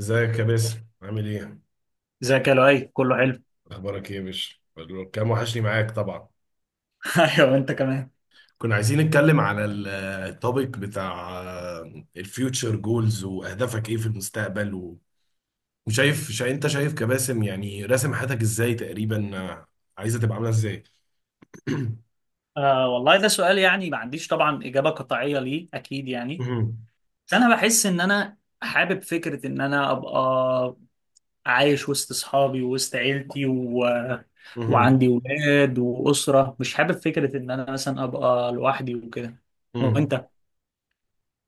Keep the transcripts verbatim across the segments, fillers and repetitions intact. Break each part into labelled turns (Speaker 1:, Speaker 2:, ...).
Speaker 1: ازيك يا باسم، عامل ايه؟
Speaker 2: ازيك يا لؤي، كله حلو.
Speaker 1: اخبارك ايه يا باشا؟ مبروك. كان وحشني معاك طبعا.
Speaker 2: ايوه وانت كمان.
Speaker 1: كنا عايزين نتكلم على التوبيك بتاع الفيوتشر جولز واهدافك ايه في المستقبل و- وشايف شا انت شايف كباسم، يعني راسم حياتك ازاي تقريبا، آه، عايزه تبقى عامله ازاي؟
Speaker 2: آه، والله ده سؤال يعني ما عنديش طبعا اجابه قطعيه ليه، اكيد يعني.
Speaker 1: مهم.
Speaker 2: بس انا بحس ان انا حابب فكره ان انا ابقى عايش وسط اصحابي ووسط عيلتي و...
Speaker 1: مهم.
Speaker 2: وعندي ولاد واسره، مش حابب فكره ان انا مثلا ابقى لوحدي وكده.
Speaker 1: مهم.
Speaker 2: وانت؟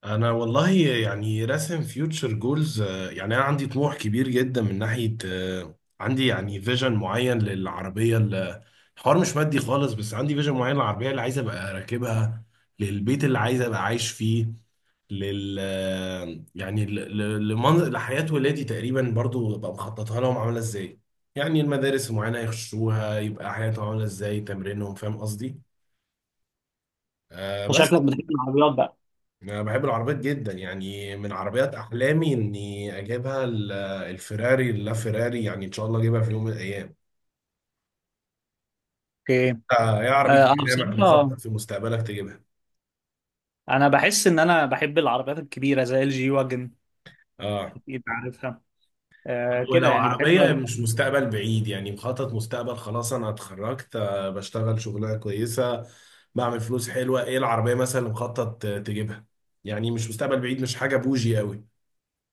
Speaker 1: انا والله يعني راسم فيوتشر جولز، يعني انا عندي طموح كبير جدا من ناحيه، آه، عندي يعني فيجن معين للعربيه ال- الحوار مش مادي خالص، بس عندي فيجن معين للعربيه اللي عايز ابقى راكبها، للبيت اللي عايز ابقى عايش فيه، لل آه، يعني ل- ل- لمن- لحياه ولادي تقريبا برضو ببقى مخططها لهم عامله ازاي. يعني المدارس المعينه يخشوها، يبقى حياتهم عامله ازاي، تمرينهم، فاهم قصدي؟ آه،
Speaker 2: أنت
Speaker 1: بس.
Speaker 2: شكلك بتحب العربيات بقى؟
Speaker 1: انا بحب العربيات جدا، يعني من عربيات احلامي اني اجيبها ال- الفيراري، اللا فيراري يعني ان شاء الله اجيبها في يوم من الايام.
Speaker 2: اوكي.
Speaker 1: آه، يا عربية
Speaker 2: آه انا
Speaker 1: احلامك
Speaker 2: بصراحه
Speaker 1: مخطط في مستقبلك تجيبها؟
Speaker 2: انا بحس ان انا بحب العربيات الكبيره زي الجي واجن،
Speaker 1: اه.
Speaker 2: اكيد عارفها. آه كده
Speaker 1: ولو
Speaker 2: يعني، بحب.
Speaker 1: عربية مش مستقبل بعيد، يعني مخطط مستقبل، خلاص انا اتخرجت، آه، بشتغل شغلانة كويسة، بعمل فلوس حلوة، ايه العربية مثلا اللي مخطط آه، تجيبها؟ يعني مش مستقبل بعيد، مش حاجة بوجي قوي.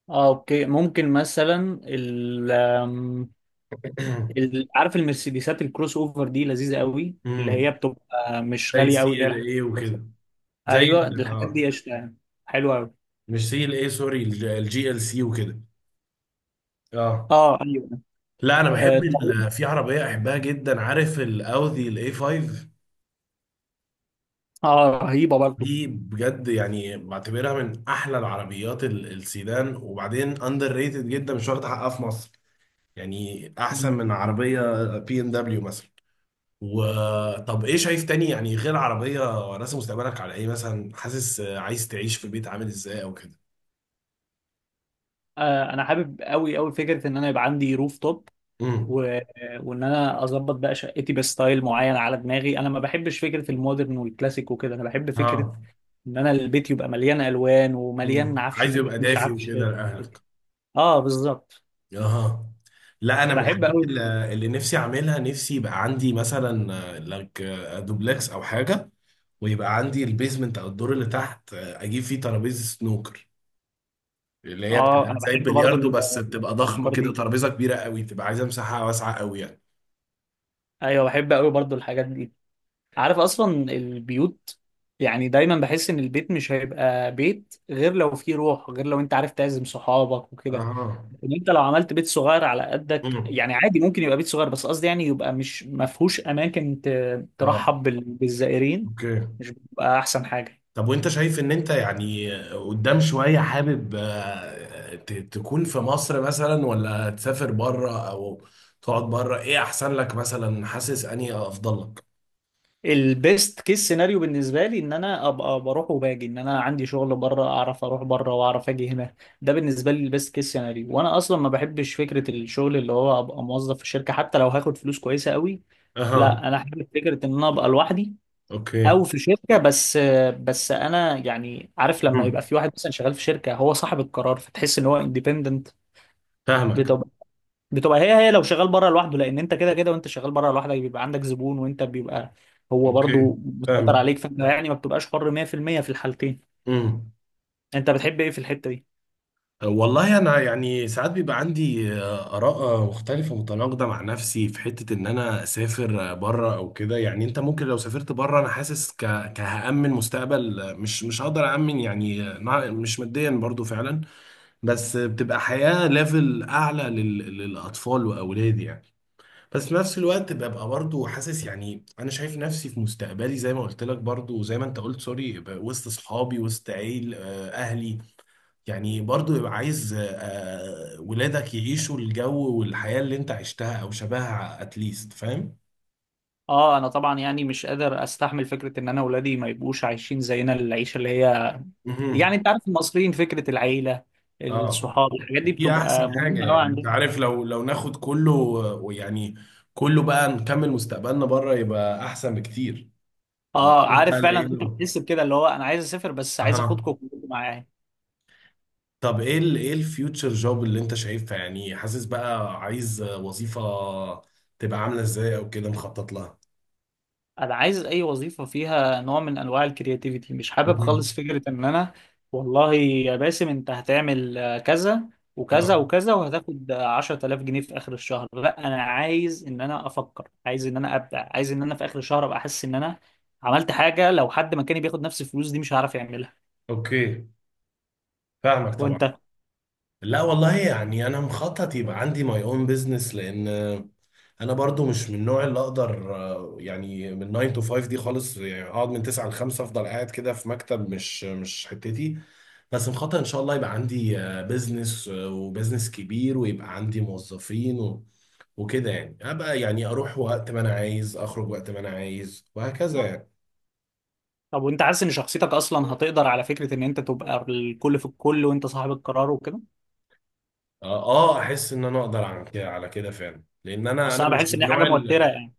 Speaker 2: اه اوكي. ممكن مثلا ال آم، ال- عارف المرسيدسات الكروس اوفر دي لذيذه قوي، اللي هي
Speaker 1: امم
Speaker 2: بتبقى مش
Speaker 1: زي
Speaker 2: غاليه
Speaker 1: السي
Speaker 2: قوي، اللي هي الحاجات
Speaker 1: ال ايه
Speaker 2: بس.
Speaker 1: وكده. زي
Speaker 2: ايوه
Speaker 1: ال-
Speaker 2: الحاجات
Speaker 1: اه،
Speaker 2: دي قشطه يعني، حلوه قوي.
Speaker 1: مش سي ال اي، سوري، الجي ال سي وكده. اه.
Speaker 2: اه ايوه.
Speaker 1: لا انا
Speaker 2: اه
Speaker 1: بحب ال-
Speaker 2: طب-
Speaker 1: في عربيه احبها جدا، عارف الاودي الاي خمسة؟
Speaker 2: آه، رهيبه برضه.
Speaker 1: دي بجد يعني بعتبرها من احلى العربيات ال- السيدان، وبعدين اندر ريتد جدا، مش واخده حقها في مصر، يعني احسن
Speaker 2: مم.
Speaker 1: من عربيه بي ام دبليو مثلا. وطب ايه شايف تاني يعني غير عربيه؟ راسم مستقبلك على ايه مثلا؟ حاسس آه، عايز تعيش في بيت عامل ازاي او كده؟
Speaker 2: آه، انا حابب قوي قوي فكره ان انا يبقى عندي روف توب
Speaker 1: امم.
Speaker 2: و... وان انا اظبط بقى شقتي بستايل معين على دماغي، انا ما بحبش فكره المودرن والكلاسيك وكده، انا بحب فكره
Speaker 1: اه.
Speaker 2: ان انا البيت يبقى مليان الوان ومليان
Speaker 1: مم،
Speaker 2: عفش
Speaker 1: عايز يبقى
Speaker 2: مريح مش
Speaker 1: دافي
Speaker 2: عفش.
Speaker 1: وكده لاهلك.
Speaker 2: اه بالظبط.
Speaker 1: اها. لا، انا من فاهم
Speaker 2: بحب
Speaker 1: الحاجات
Speaker 2: قوي.
Speaker 1: اللي اللي نفسي اعملها، نفسي يبقى عندي مثلا آه، لك، آه، دوبلكس او حاجه، ويبقى عندي البيزمنت او الدور اللي تحت، آه، اجيب فيه ترابيزه سنوكر، اللي هي بتبقى
Speaker 2: اه انا
Speaker 1: زي
Speaker 2: بحب برضو
Speaker 1: البلياردو
Speaker 2: ال-
Speaker 1: بس بتبقى ضخمه
Speaker 2: الافكار
Speaker 1: كده،
Speaker 2: دي.
Speaker 1: ترابيزه كبيره قوي، بتبقى عايزه مساحه واسعه قوي يعني.
Speaker 2: ايوه بحب قوي برضو الحاجات دي. عارف اصلا البيوت يعني، دايما بحس ان البيت مش هيبقى بيت غير لو فيه روح، غير لو انت عارف تعزم صحابك وكده.
Speaker 1: اها.
Speaker 2: ان انت لو عملت بيت صغير على قدك
Speaker 1: امم.
Speaker 2: يعني عادي، ممكن يبقى بيت صغير بس قصدي يعني يبقى مش ما فيهوش اماكن ت-
Speaker 1: اه.
Speaker 2: ترحب بال- بالزائرين.
Speaker 1: اوكي.
Speaker 2: مش بيبقى احسن حاجة؟
Speaker 1: طب وانت شايف ان انت يعني قدام شوية حابب آه، ت- تكون في مصر مثلا ولا تسافر بره، او تقعد بره، ايه احسن لك مثلا، حاسس اني افضل لك؟
Speaker 2: البيست كيس سيناريو بالنسبه لي ان انا ابقى بروح وباجي، ان انا عندي شغل بره، اعرف اروح بره واعرف اجي هنا. ده بالنسبه لي البيست كيس سيناريو. وانا اصلا ما بحبش فكره الشغل اللي هو ابقى موظف في الشركه، حتى لو هاخد فلوس كويسه قوي.
Speaker 1: اها.
Speaker 2: لا انا احب فكره ان انا ابقى لوحدي
Speaker 1: اوكي.
Speaker 2: او في شركه بس. بس انا يعني عارف لما
Speaker 1: مم.
Speaker 2: يبقى في واحد مثلا شغال في شركه هو صاحب القرار، فتحس ان هو اندبندنت.
Speaker 1: فاهمك.
Speaker 2: بتبقى هي هي لو شغال بره لوحده، لان انت كده كده وانت شغال بره لوحدك بيبقى عندك زبون، وانت بيبقى هو
Speaker 1: اوكي.
Speaker 2: برضو مسيطر
Speaker 1: فاهمك.
Speaker 2: عليك، فانت يعني ما بتبقاش حر مية في المية في المية في الحالتين.
Speaker 1: مم.
Speaker 2: انت بتحب ايه في الحتة دي؟
Speaker 1: والله انا يعني ساعات بيبقى عندي آه، اراء آه، مختلفه متناقضه مع نفسي، في حته ان انا اسافر بره او كده، يعني انت ممكن لو سافرت بره، انا حاسس ك... كهامن مستقبل، آه، مش مش هقدر امن يعني، آه، مع- مش ماديا برضو فعلا، بس آه، بتبقى حياه ليفل اعلى لل... للاطفال واولادي يعني. بس في نفس الوقت ببقى برضو حاسس، يعني انا شايف نفسي في مستقبلي زي ما قلت لك، برضو زي ما انت قلت سوري، ب- وسط اصحابي، وسط عيل آه، اهلي يعني، برضو يبقى عايز آه، آه، ولادك يعيشوا الجو والحياة اللي انت عشتها او شبهها اتليست، فاهم؟
Speaker 2: اه انا طبعا يعني مش قادر استحمل فكرة ان انا اولادي ما يبقوش عايشين زينا، العيشة اللي هي
Speaker 1: مهم.
Speaker 2: يعني انت عارف المصريين فكرة العيلة،
Speaker 1: اه.
Speaker 2: الصحاب، الحاجات دي
Speaker 1: دي احسن
Speaker 2: بتبقى
Speaker 1: حاجة
Speaker 2: مهمة قوي
Speaker 1: يعني، انت
Speaker 2: عندنا.
Speaker 1: عارف لو لو ناخد كله، ويعني كله بقى نكمل مستقبلنا بره يبقى احسن بكتير.
Speaker 2: اه،
Speaker 1: وبتبقى
Speaker 2: عارف فعلا انت
Speaker 1: العيلة.
Speaker 2: بتحس بكده، اللي هو انا عايز اسافر بس عايز
Speaker 1: اها.
Speaker 2: اخدكم كلكم معايا.
Speaker 1: طب ايه ال ايه الفيوتشر جوب اللي انت شايفها؟ يعني حاسس بقى عايز وظيفة تبقى عاملة ازاي او كده مخطط لها؟
Speaker 2: انا عايز اي وظيفه فيها نوع من انواع الكرياتيفيتي، مش حابب
Speaker 1: مهم.
Speaker 2: خالص فكره ان انا والله يا باسم انت هتعمل آه، كذا
Speaker 1: اه.
Speaker 2: وكذا وكذا وهتاخد آه، عشر تلاف جنيه في اخر الشهر. لا انا عايز ان انا افكر، عايز ان انا ابدع، عايز ان انا في اخر الشهر ابقى احس ان انا عملت حاجه لو حد مكاني بياخد نفس الفلوس دي مش هعرف يعملها.
Speaker 1: اوكي. فاهمك طبعا.
Speaker 2: وانت؟
Speaker 1: لا والله يعني انا مخطط يبقى عندي ماي اون بزنس، لان انا برضو مش من النوع اللي اقدر، آه، يعني، من ناين تو فايف دي خالص، يعني اقعد من تسعة ل خمسة افضل قاعد كده في مكتب، مش مش حتتي. بس مخطط ان شاء الله يبقى عندي بزنس، وبزنس كبير، ويبقى عندي موظفين و- وكده يعني، ابقى يعني اروح وقت ما انا عايز، اخرج وقت ما انا عايز، وهكذا يعني.
Speaker 2: طب وانت حاسس ان شخصيتك اصلا هتقدر على فكره ان انت تبقى الكل في الكل وانت صاحب القرار وكده؟
Speaker 1: اه. آه، احس ان انا اقدر على كده، على كده فعلا، لان انا
Speaker 2: اصل
Speaker 1: انا
Speaker 2: انا
Speaker 1: مش
Speaker 2: بحس
Speaker 1: من
Speaker 2: ان هي حاجه
Speaker 1: النوع،
Speaker 2: موتره يعني.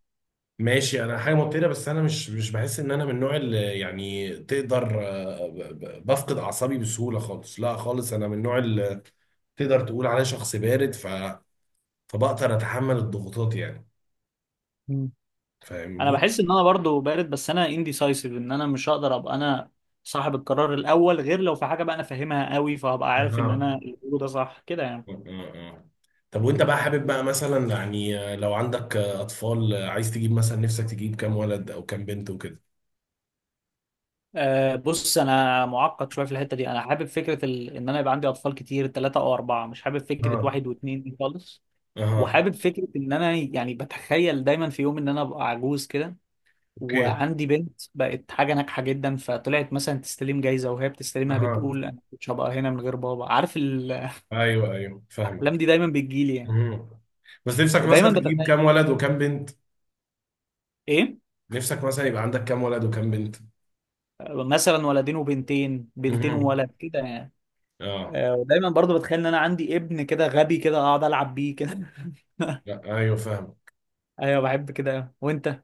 Speaker 1: ماشي انا حاجه مبتدئه، بس انا مش مش بحس ان انا من النوع اللي يعني تقدر، آه، ب- ب- بفقد اعصابي بسهوله خالص، لا خالص، انا من النوع اللي تقدر تقول عليه شخص بارد، ف... فبقدر اتحمل الضغوطات يعني،
Speaker 2: انا
Speaker 1: فاهمني؟
Speaker 2: بحس ان انا برضو بارد، بس انا indecisive، ان انا مش هقدر ابقى انا صاحب القرار الاول، غير لو في حاجه بقى انا فاهمها قوي فهبقى عارف ان
Speaker 1: اها.
Speaker 2: انا اللي بقوله ده صح كده يعني.
Speaker 1: آه، آه. طب وانت بقى حابب بقى مثلا، يعني آه، لو عندك آه، اطفال، آه، عايز تجيب مثلا، نفسك تجيب كام ولد او كام بنت وكده؟
Speaker 2: أه بص، انا معقد شويه في الحته دي، انا حابب فكره ال... ان انا يبقى عندي اطفال كتير، ثلاثة او اربعة، مش حابب فكره
Speaker 1: اه.
Speaker 2: واحد واثنين دي خالص.
Speaker 1: اها.
Speaker 2: وحابب فكره ان انا يعني بتخيل دايما في يوم ان انا ابقى عجوز كده،
Speaker 1: اوكي.
Speaker 2: وعندي بنت بقت حاجه ناجحه جدا، فطلعت مثلا تستلم جايزه وهي بتستلمها
Speaker 1: اها.
Speaker 2: بتقول انا مش هبقى هنا من غير بابا، عارف الاحلام
Speaker 1: ايوه، ايوه، فاهمك.
Speaker 2: دي دايما بتجيلي يعني.
Speaker 1: مهم. بس نفسك
Speaker 2: ودايما
Speaker 1: مثلا تجيب
Speaker 2: بتخيل.
Speaker 1: كام ولد وكام بنت؟
Speaker 2: ايه؟
Speaker 1: نفسك مثلا يبقى عندك كام ولد وكام بنت؟
Speaker 2: مثلا ولدين وبنتين، بنتين
Speaker 1: مهم.
Speaker 2: وولد كده يعني.
Speaker 1: اه.
Speaker 2: آه، ودايما برضو بتخيل ان انا عندي ابن كده غبي كده اقعد العب بيه كده.
Speaker 1: لا، ايوه فاهم.
Speaker 2: ايوه بحب كده. وانت؟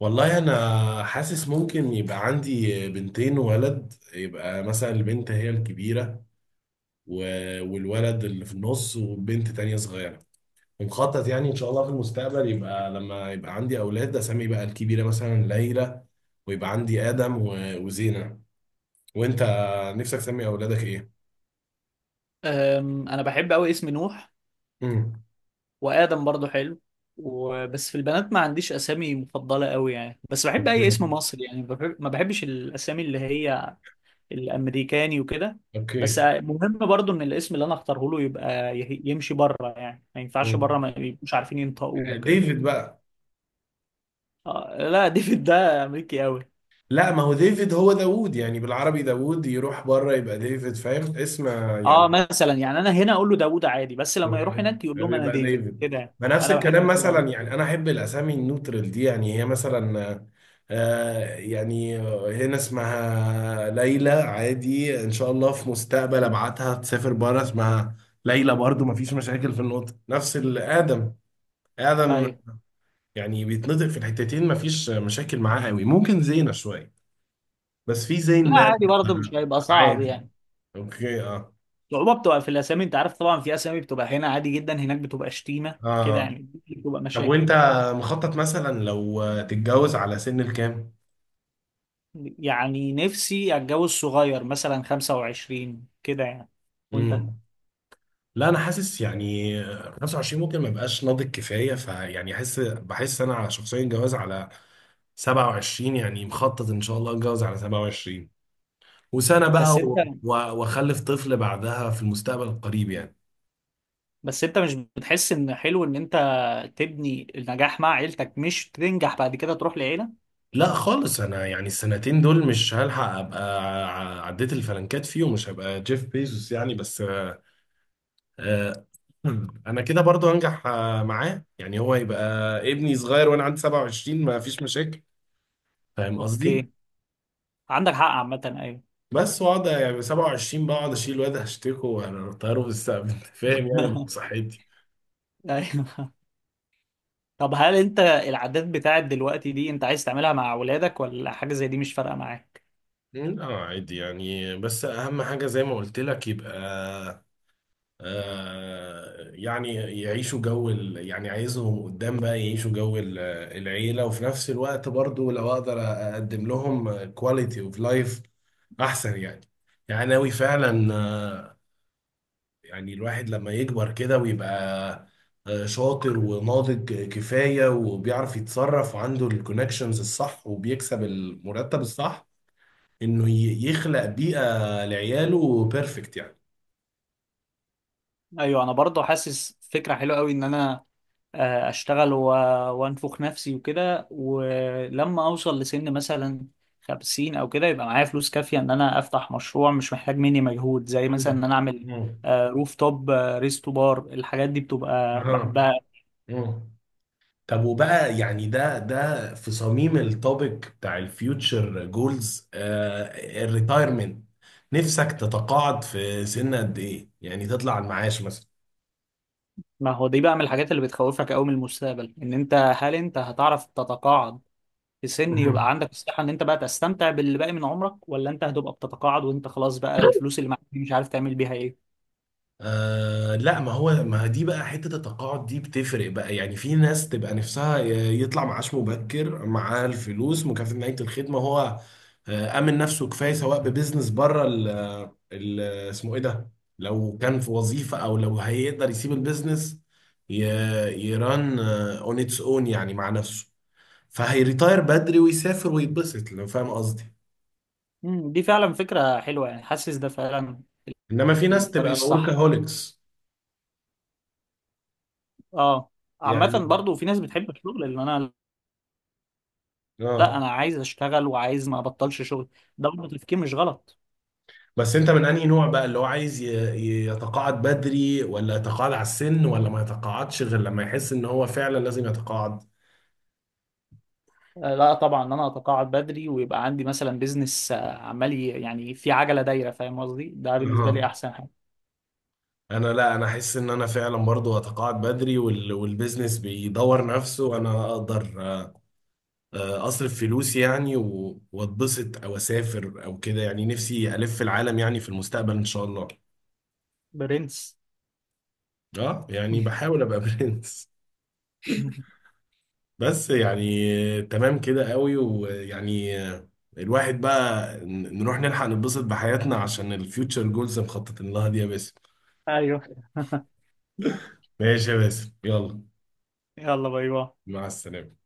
Speaker 1: والله انا حاسس ممكن يبقى عندي بنتين وولد، يبقى مثلا البنت هي الكبيرة و... والولد اللي في النص وبنت تانية صغيرة. ومخطط يعني ان شاء الله في المستقبل، يبقى لما يبقى عندي اولاد، اسمي بقى الكبيرة مثلا ليلى، ويبقى عندي ادم و... وزينة. وانت، نفسك تسمي اولادك ايه؟
Speaker 2: أم، انا بحب قوي اسم نوح،
Speaker 1: امم.
Speaker 2: وادم برضو حلو. وبس في البنات ما عنديش اسامي مفضله قوي يعني، بس بحب اي
Speaker 1: اوكي.
Speaker 2: اسم مصري يعني بحب... ما بحبش الاسامي اللي هي الامريكاني وكده. بس
Speaker 1: اوكي.
Speaker 2: مهم برضو ان الاسم اللي انا اختاره له يبقى يه- يمشي بره يعني، ما ينفعش
Speaker 1: مم.
Speaker 2: بره ما يبقوش عارفين ينطقوه وكده.
Speaker 1: ديفيد بقى.
Speaker 2: آه لا، ديفيد ده امريكي قوي.
Speaker 1: لا، ما هو ديفيد هو داوود يعني، بالعربي داوود، يروح بره يبقى ديفيد، فاهم اسم
Speaker 2: اه
Speaker 1: يعني،
Speaker 2: مثلا يعني انا هنا اقول له داوود عادي، بس لما يروح هناك يقول لهم انا
Speaker 1: يبقى
Speaker 2: ديفيد
Speaker 1: ديفيد،
Speaker 2: كده يعني.
Speaker 1: ما نفس
Speaker 2: انا
Speaker 1: الكلام
Speaker 2: بحب كده آه.
Speaker 1: مثلا يعني، انا احب الاسامي النوترال دي، يعني هي مثلا، آه يعني، هنا اسمها ليلى عادي، ان شاء الله في مستقبل ابعتها تسافر بره، اسمها ليلى برضو، ما فيش مشاكل في النطق، نفس الادم، ادم
Speaker 2: ايوه.
Speaker 1: يعني بيتنطق في الحتتين، ما فيش مشاكل معاه قوي. ممكن زينة شوية، بس في زين
Speaker 2: لا عادي
Speaker 1: مالك،
Speaker 2: برضه، مش هيبقى صعب
Speaker 1: عادي.
Speaker 2: يعني.
Speaker 1: اوكي. اه.
Speaker 2: الصعوبه بتبقى في الاسامي، انت عارف طبعا في اسامي بتبقى هنا عادي جدا، هناك بتبقى شتيمه
Speaker 1: اه.
Speaker 2: كده
Speaker 1: آه.
Speaker 2: يعني، بتبقى
Speaker 1: طب
Speaker 2: مشاكل.
Speaker 1: وانت مخطط مثلا لو تتجوز على سن الكام؟
Speaker 2: يعني نفسي اتجوز صغير، مثلا خمسة وعشرين كده يعني. وانت؟
Speaker 1: امم. لا انا حاسس يعني خمسة وعشرين ممكن ما يبقاش ناضج كفايه، فيعني احس، بحس انا على شخصيا جواز على سبعة وعشرين، يعني مخطط ان شاء الله اتجوز على سبعة وعشرين وسنه بقى
Speaker 2: بس انت
Speaker 1: و- و- واخلف طفل بعدها في المستقبل القريب يعني.
Speaker 2: بس انت مش بتحس ان حلو ان انت تبني النجاح مع عيلتك مش تنجح بعد كده تروح لعيله؟
Speaker 1: لا خالص، انا يعني السنتين دول مش هلحق ابقى، ع- عديت الفلنكات فيهم، مش هبقى جيف بيزوس يعني، بس آه، انا كده برضو هنجح آه، معاه يعني، هو يبقى ابني صغير وانا عندي سبعة وعشرين، ما فيش مشاكل، فاهم قصدي؟
Speaker 2: اوكي. عندك حق عامة أيوه.
Speaker 1: بس واقعد يعني سبعة وعشرين بقعد اشيل واد هشتكه وهطيره في السقف، انت فاهم يعني، بصحتي.
Speaker 2: أيوه. طب هل أنت العادات بتاعت دلوقتي دي أنت عايز تعملها مع أولادك ولا حاجة زي دي مش فارقة معاك؟
Speaker 1: لا عادي يعني، بس اهم حاجه زي ما قلت لك، يبقى آه، يعني يعيشوا جو ال... يعني عايزهم قدام بقى يعيشوا جو ال- العيلة، وفي نفس الوقت برضو لو اقدر اقدم لهم كواليتي اوف لايف احسن يعني. يعني ناوي فعلا آه، يعني الواحد لما يكبر كده ويبقى آه، شاطر وناضج كفاية، وبيعرف يتصرف، وعنده الكونكشنز الصح، وبيكسب المرتب الصح، انه ي- يخلق بيئة لعياله بيرفكت يعني.
Speaker 2: أيوه أنا برضه حاسس فكرة حلوة أوي إن أنا آه، أشتغل و... وأنفخ نفسي وكده، ولما أوصل لسن مثلا خمسين أو كده يبقى معايا فلوس كافية إن أنا أفتح مشروع مش محتاج مني مجهود، زي مثلا إن أنا أعمل
Speaker 1: مم.
Speaker 2: آه، روف توب، آه، ريستو بار، الحاجات دي
Speaker 1: مم.
Speaker 2: بتبقى
Speaker 1: اه.
Speaker 2: بحبها.
Speaker 1: مم. طب وبقى يعني ده ده في صميم التوبيك بتاع الفيوتشر جولز، الريتايرمنت، نفسك تتقاعد في سن قد ايه، يعني تطلع على المعاش مثلا؟
Speaker 2: ما هو دي بقى من الحاجات اللي بتخوفك قوي من المستقبل، ان انت هل انت هتعرف تتقاعد في سن يبقى عندك الصحة ان انت بقى تستمتع باللي باقي من عمرك، ولا انت هتبقى بتتقاعد وانت خلاص بقى الفلوس اللي معاك دي مش عارف تعمل بيها ايه؟
Speaker 1: آه لا، ما هو ما دي بقى حتة التقاعد دي بتفرق بقى يعني، في ناس تبقى نفسها يطلع معاش مبكر، معاه الفلوس مكافأة نهاية الخدمة، هو آه أمن نفسه كفاية، سواء ببزنس بره ال ال- اسمه إيه ده، لو كان في وظيفة، أو لو هيقدر يسيب البزنس ي- يران اون اتس اون يعني مع نفسه، فهيريتاير بدري ويسافر ويتبسط، لو فاهم قصدي.
Speaker 2: امم، دي فعلا فكرة حلوة يعني، حاسس ده فعلا
Speaker 1: إنما في ناس
Speaker 2: الطريق
Speaker 1: تبقى
Speaker 2: الصح.
Speaker 1: وركاهوليكس
Speaker 2: اه عامة
Speaker 1: يعني.
Speaker 2: برضو في ناس بتحب الشغل، اللي انا لا
Speaker 1: اه.
Speaker 2: انا عايز اشتغل وعايز ما ابطلش شغل، ده برضه تفكير مش غلط.
Speaker 1: بس انت من انهي نوع بقى، اللي هو عايز ي- ي- يتقاعد بدري، ولا يتقاعد على السن، ولا ما يتقاعدش غير لما يحس ان هو فعلا لازم يتقاعد؟
Speaker 2: آه، لا طبعا ان انا اتقاعد بدري ويبقى عندي مثلا بيزنس عمال ي- يعني في عجله دايره، فاهم قصدي، ده بالنسبه لي
Speaker 1: اه.
Speaker 2: احسن حاجه.
Speaker 1: انا، لا انا احس ان انا فعلا برضو اتقاعد بدري، وال والبيزنس بيدور نفسه، انا اقدر آه، اصرف فلوسي يعني، و- واتبسط او اسافر او كده يعني، نفسي الف العالم يعني في المستقبل ان شاء الله.
Speaker 2: برنس.
Speaker 1: اه يعني، بحاول ابقى برنس. بس يعني تمام كده قوي، ويعني الواحد بقى ن- نروح نلحق نتبسط بحياتنا عشان الفيوتشر جولز مخططين لها دي يا باسم.
Speaker 2: ايوه
Speaker 1: ماشي يا باسم، يلا.
Speaker 2: يلا، باي باي.
Speaker 1: مع السلامة.